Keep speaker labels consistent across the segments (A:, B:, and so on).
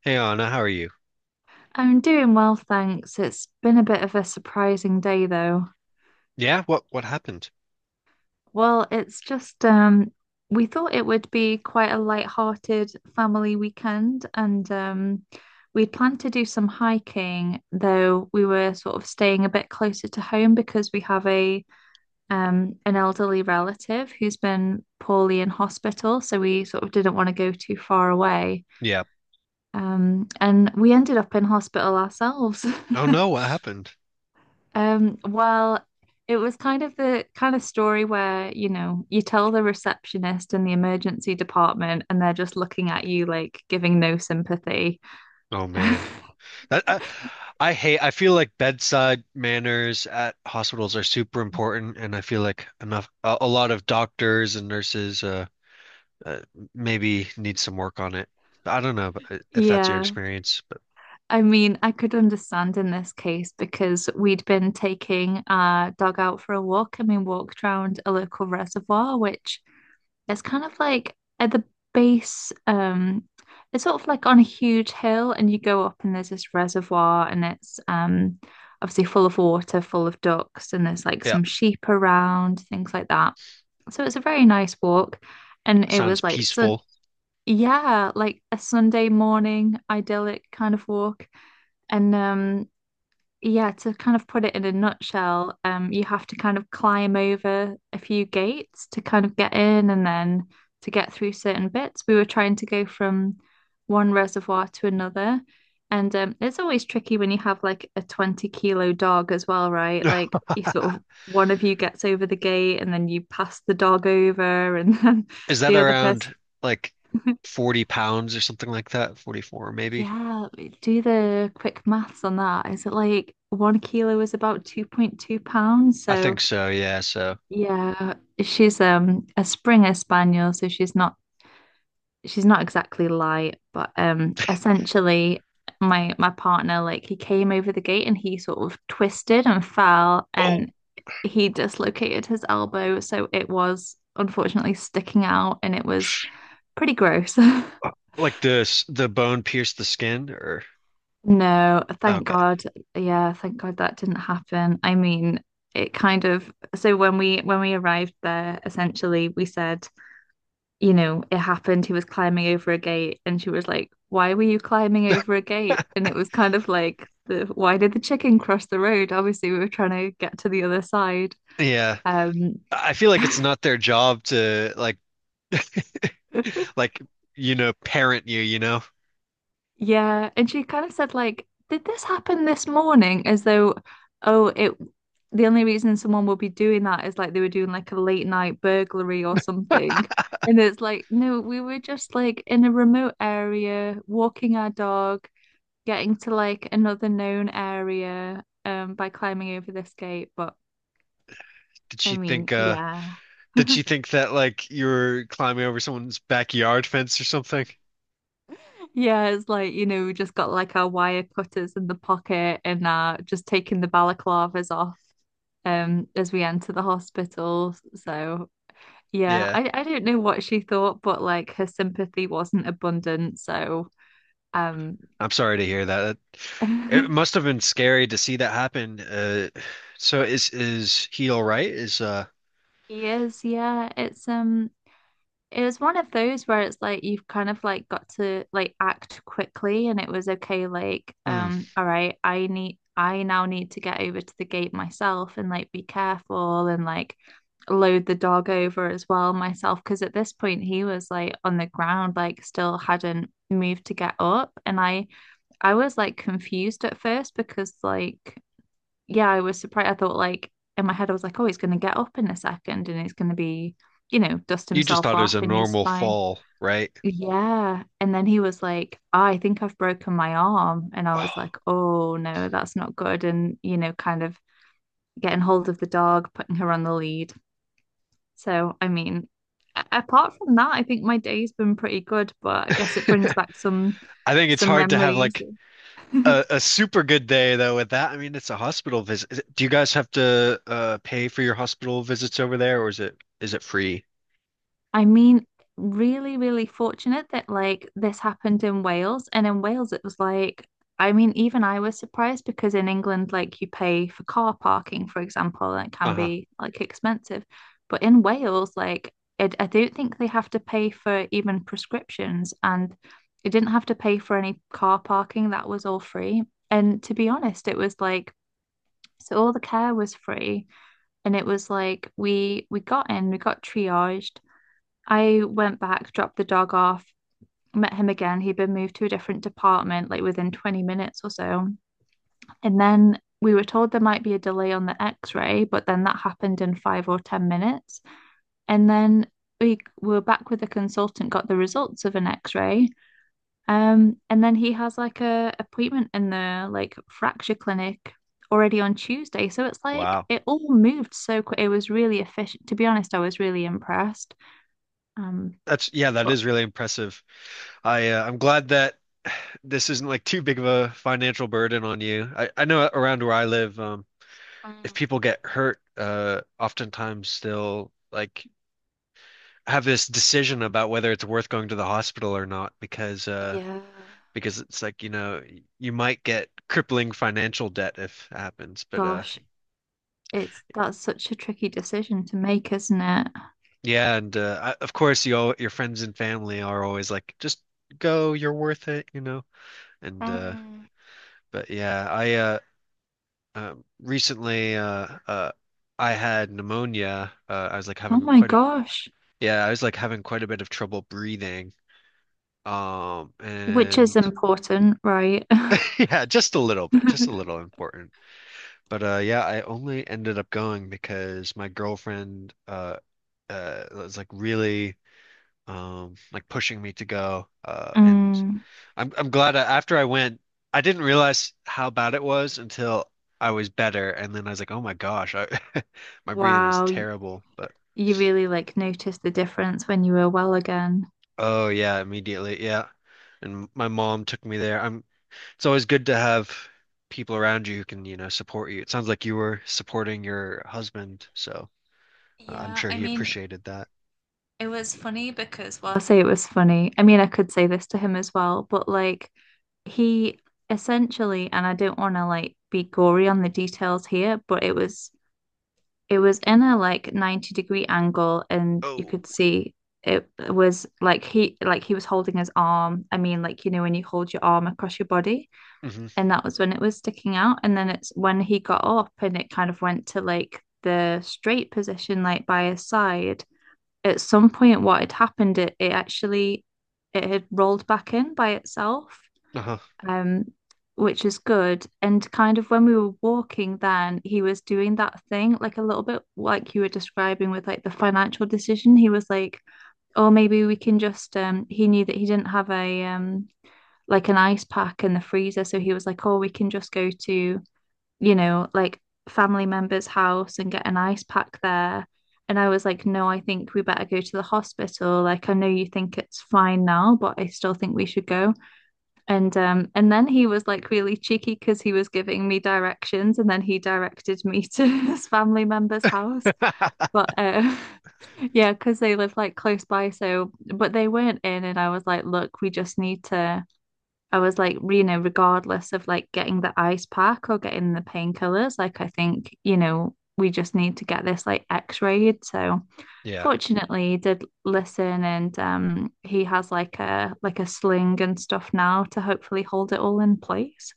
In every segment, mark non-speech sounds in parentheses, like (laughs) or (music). A: Hey Anna, how are you?
B: I'm doing well, thanks. It's been a bit of a surprising day, though.
A: Yeah, what happened?
B: Well, it's just we thought it would be quite a light-hearted family weekend, and we'd planned to do some hiking, though we were sort of staying a bit closer to home because we have a an elderly relative who's been poorly in hospital, so we sort of didn't want to go too far away.
A: Yeah.
B: And we ended up in hospital ourselves.
A: Oh no,
B: (laughs)
A: what happened?
B: Well, it was kind of the kind of story where, you know, you tell the receptionist in the emergency department and they're just looking at you like giving no sympathy.
A: Oh man.
B: (laughs)
A: That I, I hate, I feel like bedside manners at hospitals are super important, and I feel like enough a lot of doctors and nurses uh maybe need some work on it. I don't know, but if that's your
B: Yeah.
A: experience, but
B: I mean, I could understand in this case because we'd been taking our dog out for a walk and we walked around a local reservoir, which it's kind of like at the base, it's sort of like on a huge hill, and you go up, and there's this reservoir, and it's obviously full of water, full of ducks, and there's like
A: yeah,
B: some sheep around, things like that. So it's a very nice walk. And it
A: sounds
B: was like, sun
A: peaceful.
B: yeah, like a Sunday morning idyllic kind of walk. And yeah, to kind of put it in a nutshell, you have to kind of climb over a few gates to kind of get in and then to get through certain bits. We were trying to go from one reservoir to another. And it's always tricky when you have like a 20-kilo dog as well, right? Like you sort of
A: (laughs)
B: one of you gets over the gate and then you pass the dog over and (laughs) then
A: Is that
B: the other person.
A: around like 40 pounds or something like that? 44 maybe?
B: Yeah, do the quick maths on that. Is it like 1 kilo is about 2.2 pounds?
A: I
B: So
A: think so, yeah, so.
B: yeah, she's a Springer Spaniel, so she's not exactly light, but essentially my partner, like he came over the gate and he sort of twisted and fell
A: Oh,
B: and he dislocated his elbow, so it was unfortunately sticking out and it was pretty gross. (laughs)
A: like the bone pierced the skin or
B: No, thank
A: okay. (laughs)
B: God. Yeah, thank God that didn't happen. I mean, it kind of so when we arrived there, essentially we said, you know, it happened. He was climbing over a gate, and she was like, "Why were you climbing over a gate?" And it was kind of like, the, why did the chicken cross the road? Obviously, we were trying to get to the other side.
A: Yeah.
B: Um,
A: I feel like it's not their job to like
B: (laughs)
A: like you know, parent you, you know.
B: yeah. And she kind of said, like, "Did this happen this morning?" As though, oh, it, the only reason someone would be doing that is like they were doing like a late night burglary or something. And it's like, no, we were just like in a remote area walking our dog, getting to like another known area by climbing over this gate, but
A: Did
B: I
A: she
B: mean,
A: think uh
B: yeah.
A: did she
B: (laughs)
A: think that like you were climbing over someone's backyard fence or something?
B: Yeah, it's like, you know, we just got like our wire cutters in the pocket and just taking the balaclavas off as we enter the hospital. So yeah,
A: Yeah.
B: I don't know what she thought, but like her sympathy wasn't abundant, so um
A: I'm sorry to hear that.
B: (laughs)
A: It
B: he
A: must have been scary to see that happen. Uh, so is he all right? Is
B: is, yeah. It was one of those where it's like you've kind of like got to like act quickly and it was okay like
A: mm,
B: all right, I need I now need to get over to the gate myself and like be careful and like load the dog over as well myself because at this point he was like on the ground like still hadn't moved to get up and I was like confused at first because like yeah, I was surprised. I thought like in my head, I was like, oh, he's going to get up in a second and he's going to be, you know, dust
A: you just
B: himself
A: thought it was
B: off
A: a
B: and he's
A: normal
B: fine.
A: fall, right? (sighs)
B: Yeah. And then he was like, "Ah, I think I've broken my arm." And I was
A: Oh.
B: like, oh no, that's not good. And, you know, kind of getting hold of the dog, putting her on the lead. So, I mean, apart from that, I think my day's been pretty good, but I guess it
A: (laughs)
B: brings back some
A: I think it's hard to have
B: memories.
A: like
B: (laughs)
A: a super good day though with that. I mean, it's a hospital visit. Is it, do you guys have to pay for your hospital visits over there, or is it free?
B: I mean, really, really fortunate that like this happened in Wales. And in Wales, it was like, I mean, even I was surprised because in England, like you pay for car parking, for example, and it can
A: Uh-huh.
B: be like expensive. But in Wales, like it, I don't think they have to pay for even prescriptions, and it didn't have to pay for any car parking. That was all free. And to be honest, it was like, so all the care was free. And it was like we got in, we got triaged, I went back, dropped the dog off, met him again. He'd been moved to a different department like within 20 minutes or so. And then we were told there might be a delay on the x ray, but then that happened in 5 or 10 minutes. And then we were back with the consultant, got the results of an x ray. And then he has like a appointment in the like fracture clinic already on Tuesday. So it's like
A: Wow.
B: it all moved so quick. It was really efficient. To be honest, I was really impressed. Um,
A: That's, yeah, that
B: but
A: is really impressive. I I'm glad that (sighs) this isn't like too big of a financial burden on you. I know around where I live, if
B: Mm.
A: people get hurt, oftentimes they'll like have this decision about whether it's worth going to the hospital or not, because
B: Yeah.
A: because it's like, you know, you might get crippling financial debt if it happens. But
B: Gosh, it's that's such a tricky decision to make, isn't it?
A: yeah, and I, of course, you, all your friends and family are always like, just go, you're worth it, you know. And
B: Mm.
A: but yeah, I recently I had pneumonia. I was like
B: Oh
A: having
B: my
A: quite a,
B: gosh.
A: yeah, I was like having quite a bit of trouble breathing.
B: Which is
A: And
B: important, right? (laughs)
A: (laughs) yeah, just a little bit, just a little important. But yeah, I only ended up going because my girlfriend it was like really like pushing me to go, and
B: Mm.
A: I'm glad I, after I went, I didn't realize how bad it was until I was better, and then I was like, oh my gosh, I, (laughs) my breathing was
B: Wow,
A: terrible. But
B: you really like noticed the difference when you were well again.
A: oh yeah, immediately, yeah. And my mom took me there. I'm, it's always good to have people around you who can, you know, support you. It sounds like you were supporting your husband, so I'm
B: Yeah,
A: sure
B: I
A: he
B: mean,
A: appreciated that.
B: it was funny because I well, I say it was funny. I mean, I could say this to him as well, but like he essentially, and I don't want to like be gory on the details here, but it was in a like 90-degree angle and you
A: Oh,
B: could see it was like he was holding his arm. I mean, like you know when you hold your arm across your body,
A: hmm.
B: and that was when it was sticking out. And then it's when he got up and it kind of went to like the straight position, like by his side. At some point, what had happened, it actually it had rolled back in by itself,
A: Uh-huh.
B: um, which is good. And kind of when we were walking, then he was doing that thing, like a little bit like you were describing with like the financial decision. He was like, "Oh, maybe we can just." He knew that he didn't have a like an ice pack in the freezer, so he was like, "Oh, we can just go to, you know, like family member's house and get an ice pack there." And I was like, no, I think we better go to the hospital. Like, I know you think it's fine now, but I still think we should go. And then he was like really cheeky because he was giving me directions and then he directed me to (laughs) his family member's house. But (laughs) yeah, because they live like close by, so but they weren't in and I was like, look, we just need to I was like, you know, regardless of like getting the ice pack or getting the painkillers, like I think, you know, we just need to get this like x-rayed. So
A: (laughs) Yeah.
B: fortunately he did listen and he has like a sling and stuff now to hopefully hold it all in place.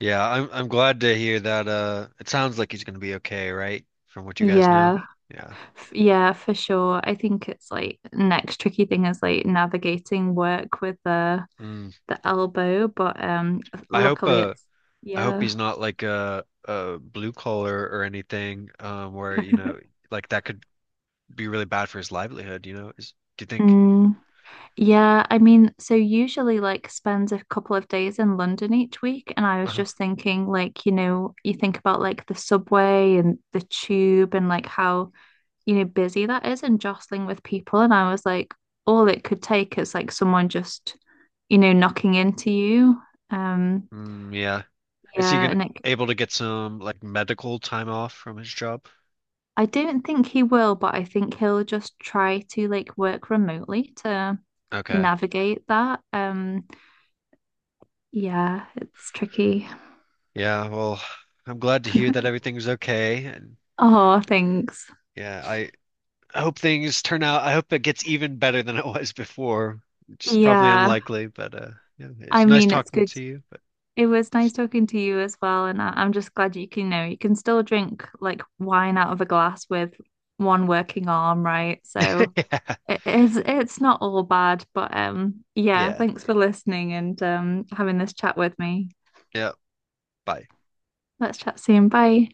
A: Yeah, I'm glad to hear that. It sounds like he's gonna be okay, right? From what you guys know.
B: Yeah.
A: Yeah.
B: Yeah, for sure. I think it's like next tricky thing is like navigating work with
A: Mm.
B: the elbow, but
A: I hope.
B: luckily it's
A: I hope
B: yeah.
A: he's
B: (laughs)
A: not like a blue collar or anything. Where, you know, like that could be really bad for his livelihood. You know, is, do you think?
B: Mm. Yeah, I mean, so usually like spends a couple of days in London each week, and I was
A: Uh,
B: just thinking like, you know, you think about like the subway and the tube and like how, you know, busy that is and jostling with people, and I was like, all it could take is like someone just, you know, knocking into you. Um,
A: mm, yeah. Is he
B: yeah,
A: gonna
B: and like
A: able to get some like medical time off from his job?
B: I don't think he will, but I think he'll just try to like work remotely to
A: Okay.
B: navigate that. Yeah, it's tricky.
A: Yeah. Well, I'm glad to hear that everything's okay. And
B: Oh, thanks.
A: yeah, I hope things turn out. I hope it gets even better than it was before, which is probably
B: Yeah,
A: unlikely, but yeah,
B: I
A: it's nice
B: mean, it's
A: talking
B: good.
A: to you. But
B: It was nice talking to you as well, and I'm just glad you can, you know, you can still drink like wine out of a glass with one working arm, right?
A: (laughs)
B: So
A: yeah,
B: it is, it's not all bad, but yeah,
A: yeah,
B: thanks for listening and having this chat with me.
A: yeah. Bye.
B: Let's chat soon. Bye.